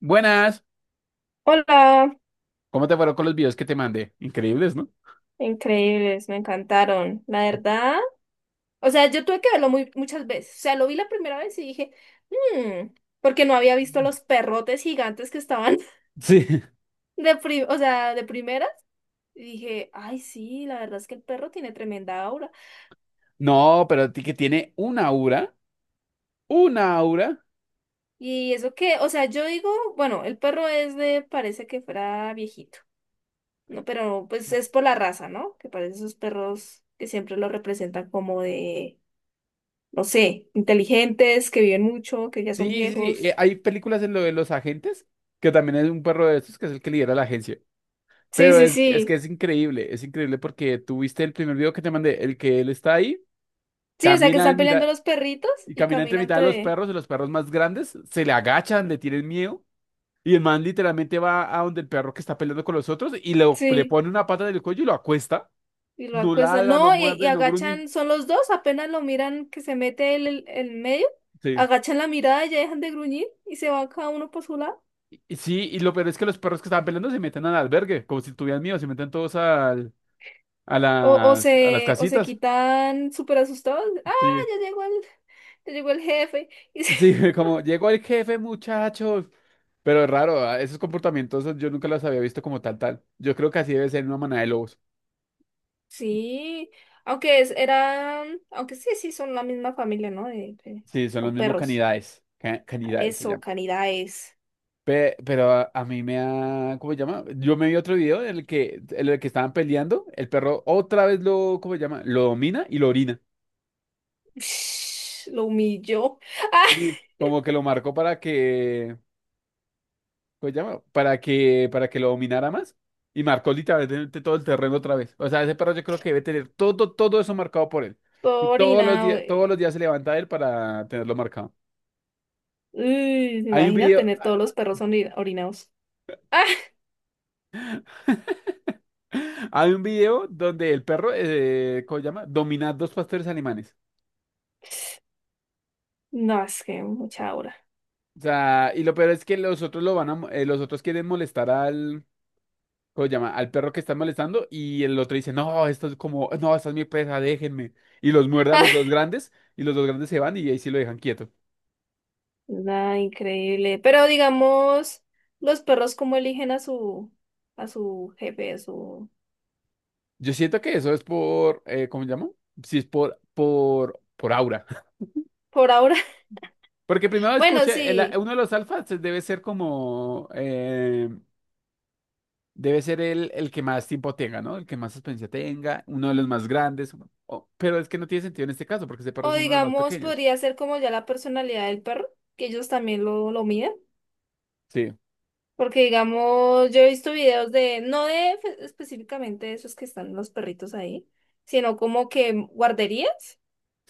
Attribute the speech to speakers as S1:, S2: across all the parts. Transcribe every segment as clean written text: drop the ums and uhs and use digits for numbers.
S1: Buenas,
S2: Hola,
S1: ¿cómo te fueron con los videos que te mandé? Increíbles, ¿no?
S2: increíbles, me encantaron. La verdad, o sea, yo tuve que verlo muy, muchas veces. O sea, lo vi la primera vez y dije, "Mm", porque no había visto los perrotes gigantes que estaban
S1: Sí.
S2: o sea, de primeras. Y dije, ay, sí, la verdad es que el perro tiene tremenda aura.
S1: No, pero ti que tiene una aura, una aura.
S2: Y eso que, o sea, yo digo, bueno, el perro es de, parece que fuera viejito, ¿no? Pero pues es por la raza, ¿no? Que parece esos perros que siempre lo representan como de no sé, inteligentes, que viven mucho, que ya son
S1: Sí, sí, sí.
S2: viejos.
S1: Hay películas en lo de los agentes, que también es un perro de estos, que es el que lidera la agencia.
S2: Sí,
S1: Pero
S2: sí,
S1: es que
S2: sí.
S1: es increíble porque tú viste el primer video que te mandé, el que él está ahí,
S2: Sí, o sea, que
S1: camina en
S2: están peleando
S1: mitad,
S2: los perritos
S1: y
S2: y
S1: camina entre
S2: caminan
S1: mitad de los
S2: entre...
S1: perros, y los perros más grandes se le agachan, le tienen miedo, y el man literalmente va a donde el perro que está peleando con los otros y le
S2: Sí,
S1: pone una pata del cuello y lo acuesta.
S2: y lo
S1: No
S2: acuestan.
S1: ladra, no
S2: No, y
S1: muerde, no gruñe.
S2: agachan, son los dos, apenas lo miran que se mete el medio,
S1: Sí.
S2: agachan la mirada, ya dejan de gruñir y se va cada uno por su lado.
S1: Y sí, y lo peor es que los perros que estaban peleando se meten al albergue, como si estuvieran míos, se meten todos al, a
S2: O, o
S1: las, a las
S2: se, o se
S1: casitas.
S2: quitan súper asustados. Ah,
S1: Sí.
S2: ya llegó ya llegó el jefe. Y se-
S1: Sí, como llegó el jefe, muchachos. Pero es raro, ¿ah? Esos comportamientos yo nunca los había visto como tal, tal. Yo creo que así debe ser en una manada de lobos.
S2: Sí, eran, aunque sí, sí, son la misma familia, ¿no? De-
S1: Sí, son los
S2: son
S1: mismos
S2: perros.
S1: canidades. Canidades se
S2: Eso,
S1: llaman.
S2: Canidaes.
S1: Pero a mí me ha, ¿cómo se llama? Yo me vi otro video en el que estaban peleando, el perro otra vez lo, ¿cómo se llama? Lo domina y lo orina.
S2: Ush, lo humilló. ¡Ah!
S1: Sí, como que lo marcó para que, pues llama, para que lo dominara más. Y marcó literalmente todo el terreno otra vez. O sea, ese perro yo creo que debe tener todo eso marcado por él. Y
S2: Todo orinado.
S1: todos los días se levanta él para tenerlo marcado.
S2: Uy,
S1: Hay un
S2: imagina
S1: video,
S2: tener todos los perros orinados. ¡Ah!
S1: hay un video donde el perro, ¿cómo se llama? Domina dos pastores alemanes.
S2: No, es que mucha hora.
S1: O sea, y lo peor es que los otros lo van a, mo- los otros quieren molestar al, ¿cómo se llama? Al perro que están molestando y el otro dice, no, esto es como, no, esta es mi presa, déjenme. Y los muerde a
S2: ¡Ah!
S1: los dos grandes y los dos grandes se van y ahí sí lo dejan quieto.
S2: Nada, increíble. Pero digamos, los perros cómo eligen a su jefe, a su...
S1: Yo siento que eso es por, ¿cómo se llama? Sí, es por aura.
S2: Por ahora.
S1: Porque primero
S2: Bueno,
S1: escuché,
S2: sí.
S1: uno de los alfas debe ser como, debe ser el que más tiempo tenga, ¿no? El que más experiencia tenga, uno de los más grandes. Pero es que no tiene sentido en este caso porque ese perro
S2: O
S1: es uno de los más
S2: digamos,
S1: pequeños.
S2: podría ser como ya la personalidad del perro, que ellos también lo miden.
S1: Sí,
S2: Porque digamos, yo he visto videos de, no de fe- específicamente de esos que están los perritos ahí, sino como que guarderías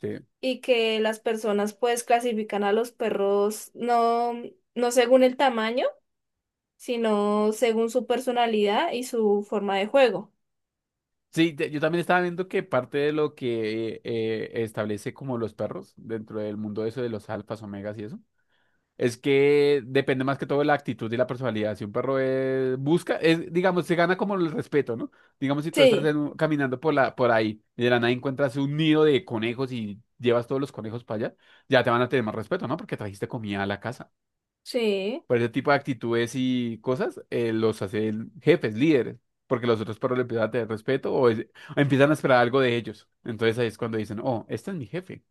S1: sí.
S2: y que las personas pues clasifican a los perros no, no según el tamaño, sino según su personalidad y su forma de juego.
S1: Sí, yo también estaba viendo que parte de lo que establece como los perros dentro del mundo eso de los alfas, omegas y eso, es que depende más que todo de la actitud y la personalidad. Si un perro busca, digamos, se gana como el respeto, ¿no? Digamos, si tú estás
S2: Sí,
S1: caminando por ahí y de la nada encuentras un nido de conejos y llevas todos los conejos para allá, ya te van a tener más respeto, ¿no? Porque trajiste comida a la casa.
S2: sí.
S1: Por ese tipo de actitudes y cosas, los hace jefes, líderes, porque los otros perros le empiezan a tener respeto o empiezan a esperar algo de ellos. Entonces ahí es cuando dicen, oh, este es mi jefe.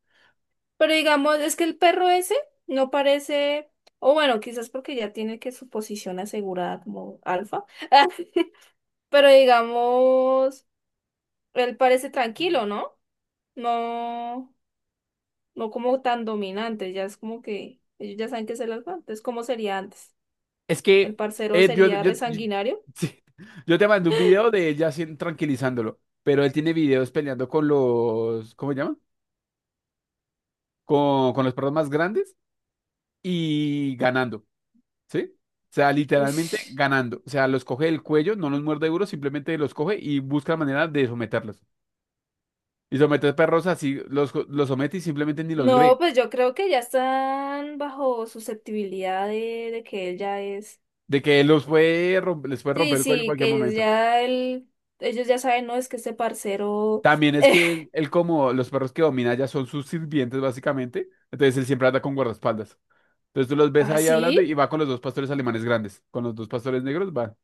S2: Pero digamos, es que el perro ese no parece, o bueno, quizás porque ya tiene que su posición asegurada como alfa, pero digamos, él parece tranquilo, ¿no? No, no como tan dominante, ya es como que ellos ya saben que es el alfa, entonces, ¿cómo sería antes?
S1: Es
S2: ¿El
S1: que
S2: parcero
S1: eh, yo,
S2: sería
S1: yo, yo,
S2: resanguinario?
S1: sí, yo te mandé un video de ella así tranquilizándolo, pero él tiene videos peleando con los, ¿cómo se llama? Con los perros más grandes y ganando, ¿sí? O sea, literalmente
S2: Ush.
S1: ganando. O sea, los coge del cuello, no los muerde duro, simplemente los coge y busca la manera de someterlos. Y someter perros así, los somete y simplemente ni los ve.
S2: No, pues yo creo que ya están bajo susceptibilidad de que él ya es.
S1: De que él los puede les puede
S2: Sí,
S1: romper el cuello en
S2: sí,
S1: cualquier
S2: que
S1: momento.
S2: ya el, ellos ya saben, no, es que este parcero.
S1: También es que él, él como los perros que domina ya son sus sirvientes, básicamente. Entonces él siempre anda con guardaespaldas. Entonces tú los ves
S2: ¿Ah,
S1: ahí hablando
S2: sí?
S1: y va con los dos pastores alemanes grandes. Con los dos pastores negros va.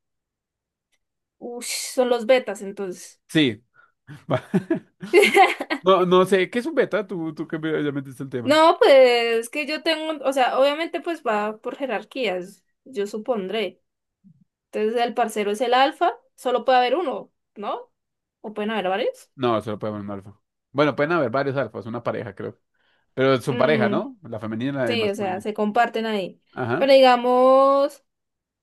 S2: Ush, son los betas entonces.
S1: Sí, va. No, no sé, ¿qué es un beta? Tú que ya metiste el tema.
S2: No, pues que yo tengo, o sea, obviamente pues va por jerarquías, yo supondré. Entonces el parcero es el alfa, solo puede haber uno, ¿no? ¿O pueden haber varios?
S1: No, solo puede haber un alfa. Bueno, pueden haber varios alfas, una pareja, creo. Pero son pareja,
S2: Mm,
S1: ¿no? La femenina y la
S2: sí, o sea,
S1: masculina.
S2: se comparten ahí.
S1: Ajá.
S2: Pero digamos.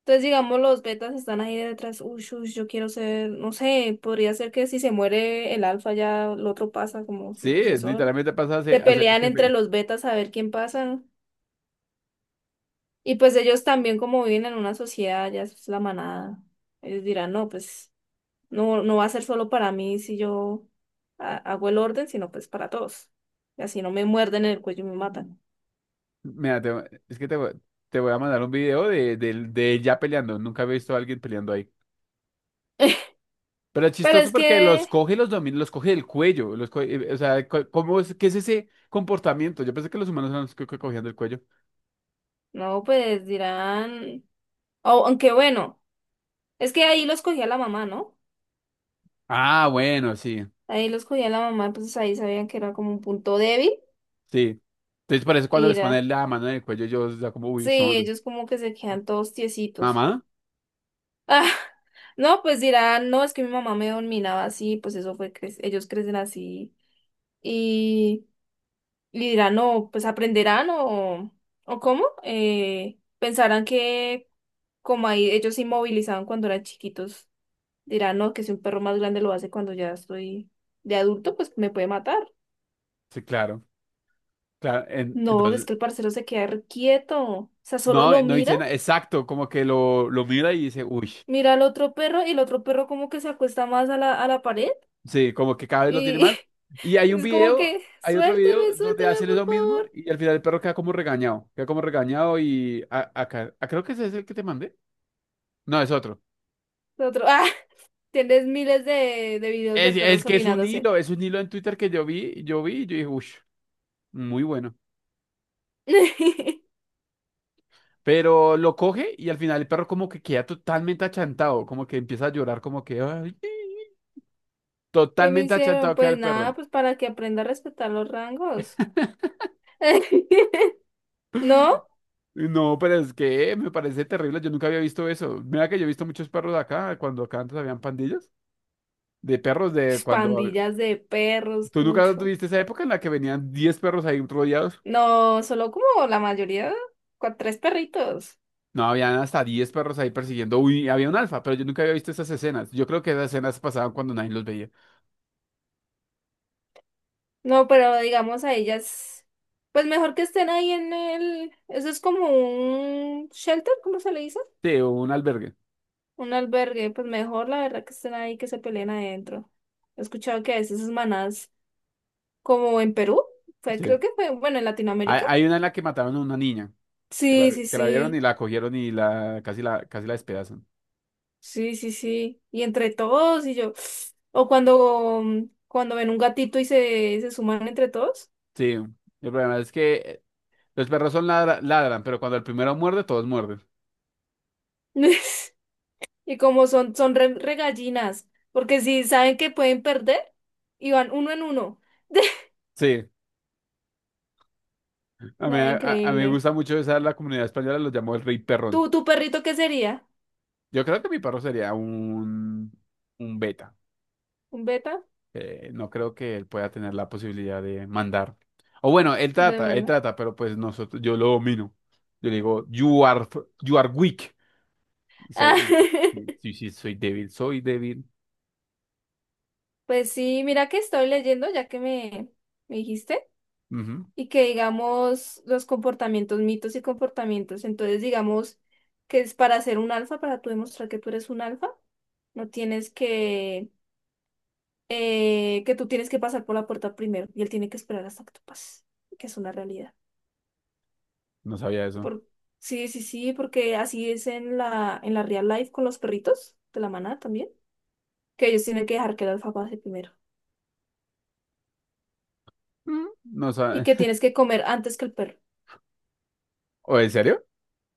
S2: Entonces, digamos, los betas están ahí detrás. Uy, uy, yo quiero ser, no sé, podría ser que si se muere el alfa ya el otro pasa como
S1: Sí,
S2: su
S1: es
S2: sucesor.
S1: literalmente pasa a
S2: Se
S1: ser, a ser el
S2: pelean
S1: jefe.
S2: entre los betas a ver quién pasa. Y pues ellos también como viven en una sociedad, ya es la manada. Ellos dirán, no, pues no, no va a ser solo para mí si yo hago el orden, sino pues para todos. Y así no me muerden en el cuello y me matan.
S1: Mira, te, es que te voy a mandar un video de ella peleando. Nunca he visto a alguien peleando ahí. Pero es
S2: Pero
S1: chistoso
S2: es
S1: porque los
S2: que,
S1: coge y los domina, los coge del cuello. O sea, ¿cómo es, qué es ese comportamiento? Yo pensé que los humanos eran los que cogían del cuello.
S2: no, pues dirán, o aunque bueno, es que ahí los cogía la mamá, ¿no?
S1: Ah, bueno, sí,
S2: Ahí los cogía la mamá, pues ahí sabían que era como un punto débil.
S1: sí. Entonces por eso cuando
S2: Y
S1: les ponen
S2: era,
S1: la mano en el cuello, yo ya como, uy,
S2: sí,
S1: son.
S2: ellos como que se quedan todos tiesitos.
S1: ¿Mamá?
S2: Ah, no, pues dirán, no, es que mi mamá me dominaba así, pues eso fue, ellos crecen así. Y, y dirán, no, pues aprenderán o cómo. Pensarán que como ahí ellos se inmovilizaban cuando eran chiquitos, dirán, no, que si un perro más grande lo hace cuando ya estoy de adulto, pues me puede matar.
S1: Sí, claro. Claro.
S2: No, es que el parcero se queda re quieto. O sea, solo
S1: No,
S2: lo
S1: no
S2: mira,
S1: dice nada. Exacto, como que lo mira y dice, uy.
S2: mira al otro perro y el otro perro como que se acuesta más a la pared
S1: Sí, como que cada vez lo tiene
S2: y
S1: mal. Y hay un
S2: es como
S1: video,
S2: que,
S1: hay otro
S2: suélteme,
S1: video donde
S2: suélteme,
S1: hace
S2: por
S1: lo mismo
S2: favor.
S1: y al final el perro queda como regañado. Queda como regañado y acá, creo que ese es el que te mandé. No, es otro.
S2: El otro, ah, tienes miles de videos de
S1: Es
S2: perros
S1: que
S2: orinándose.
S1: es un hilo en Twitter que yo vi y yo dije, uff, muy bueno.
S2: ¿Qué
S1: Pero lo coge y al final el perro como que queda totalmente achantado, como que empieza a llorar, como que "Ay", sí".
S2: me
S1: Totalmente
S2: hicieron?
S1: achantado queda
S2: Pues
S1: el
S2: nada,
S1: perro.
S2: pues para que aprenda a respetar los rangos. ¿No?
S1: Y no, pero es que me parece terrible, yo nunca había visto eso. Mira que yo he visto muchos perros acá, cuando acá antes habían pandillas. De perros de
S2: Pues,
S1: cuando.
S2: pandillas de perros,
S1: ¿Tú nunca
S2: cucho.
S1: tuviste esa época en la que venían 10 perros ahí rodeados?
S2: No, solo como la mayoría, tres perritos.
S1: No, habían hasta 10 perros ahí persiguiendo. Uy, había un alfa, pero yo nunca había visto esas escenas. Yo creo que esas escenas pasaban cuando nadie los veía.
S2: No, pero digamos a ellas, pues mejor que estén ahí en el, eso es como un shelter, ¿cómo se le dice?
S1: Sí, o un albergue.
S2: Un albergue, pues mejor la verdad que estén ahí, que se peleen adentro. He escuchado que a veces esas manadas, como en Perú, fue,
S1: Sí.
S2: creo que fue, bueno, en
S1: Hay,
S2: Latinoamérica.
S1: hay una en la que mataron a una niña. Que la,
S2: Sí, sí,
S1: que la vieron y
S2: sí,
S1: la cogieron y la casi la despedazan.
S2: sí, sí, sí. Y entre todos y yo, o cuando, cuando ven un gatito y se suman entre todos.
S1: Sí. El problema es que los perros son ladran, pero cuando el primero muerde, todos muerden.
S2: Y como son, son re, re gallinas, porque si saben que pueden perder, y van uno en uno.
S1: Sí. A mí,
S2: Nada,
S1: a, a mí me
S2: increíble.
S1: gusta mucho esa, la comunidad española los llamó el rey perrón.
S2: ¿Tú, tu perrito qué sería?
S1: Yo creo que mi perro sería un beta.
S2: ¿Un beta?
S1: No creo que él pueda tener la posibilidad de mandar. O bueno,
S2: De
S1: él
S2: mano.
S1: trata, pero pues nosotros, yo lo domino. Yo le digo, you are weak. Y se-
S2: Ah,
S1: y- sí, sí, sí, soy débil, soy débil.
S2: pues sí, mira que estoy leyendo, ya que me dijiste,
S1: Ujú.
S2: y que digamos los comportamientos, mitos y comportamientos. Entonces, digamos que es para ser un alfa, para tú demostrar que tú eres un alfa, no tienes que tú tienes que pasar por la puerta primero y él tiene que esperar hasta que tú pases, que es una realidad.
S1: No sabía eso.
S2: Por... Sí, sí, sí, porque así es en la real life con los perritos de la manada también, que ellos tienen que dejar que el alfa pase primero
S1: Mm. No
S2: y
S1: sabe.
S2: que tienes que comer antes que el perro.
S1: ¿O en serio?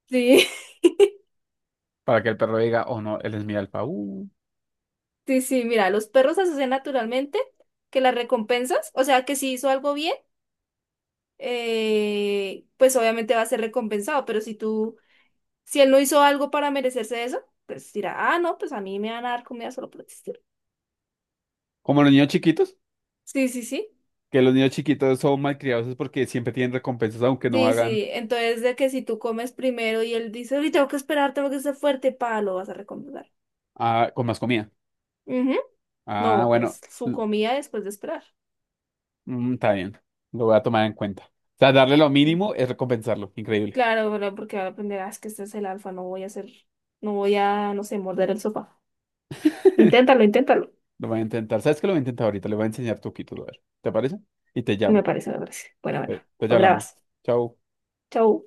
S2: Sí,
S1: Para que el perro diga, oh no, él es mi alfa.
S2: sí, sí, mira, los perros hacen naturalmente que las recompensas, o sea, que si hizo algo bien, pues obviamente va a ser recompensado, pero si tú, si él no hizo algo para merecerse eso, pues dirá, ah, no, pues a mí me van a dar comida solo por existir.
S1: Como los niños chiquitos,
S2: Sí, sí, sí.
S1: que los niños chiquitos son malcriados es porque siempre tienen recompensas, aunque no
S2: Sí,
S1: hagan
S2: sí. Entonces, de que si tú comes primero y él dice, uy, tengo que esperar, tengo que ser fuerte, pa, lo vas a recomendar.
S1: con más comida.
S2: Ujú.
S1: Ah,
S2: No,
S1: bueno.
S2: pues su comida después de esperar.
S1: Está bien, lo voy a tomar en cuenta. O sea, darle lo
S2: Sí.
S1: mínimo es recompensarlo. Increíble.
S2: Claro, bueno, porque ahora aprenderás que este es el alfa, no voy a hacer, no voy a, no sé, morder el sofá. Inténtalo, inténtalo.
S1: Lo voy a intentar. ¿Sabes qué? Lo voy a intentar ahorita. Le voy a enseñar truquitos, a ver. ¿Te parece? Y te
S2: Me
S1: llamo.
S2: parece, me parece. Bueno, bueno,
S1: Pues ya
S2: lo
S1: hablamos.
S2: grabas.
S1: Chao.
S2: Chau.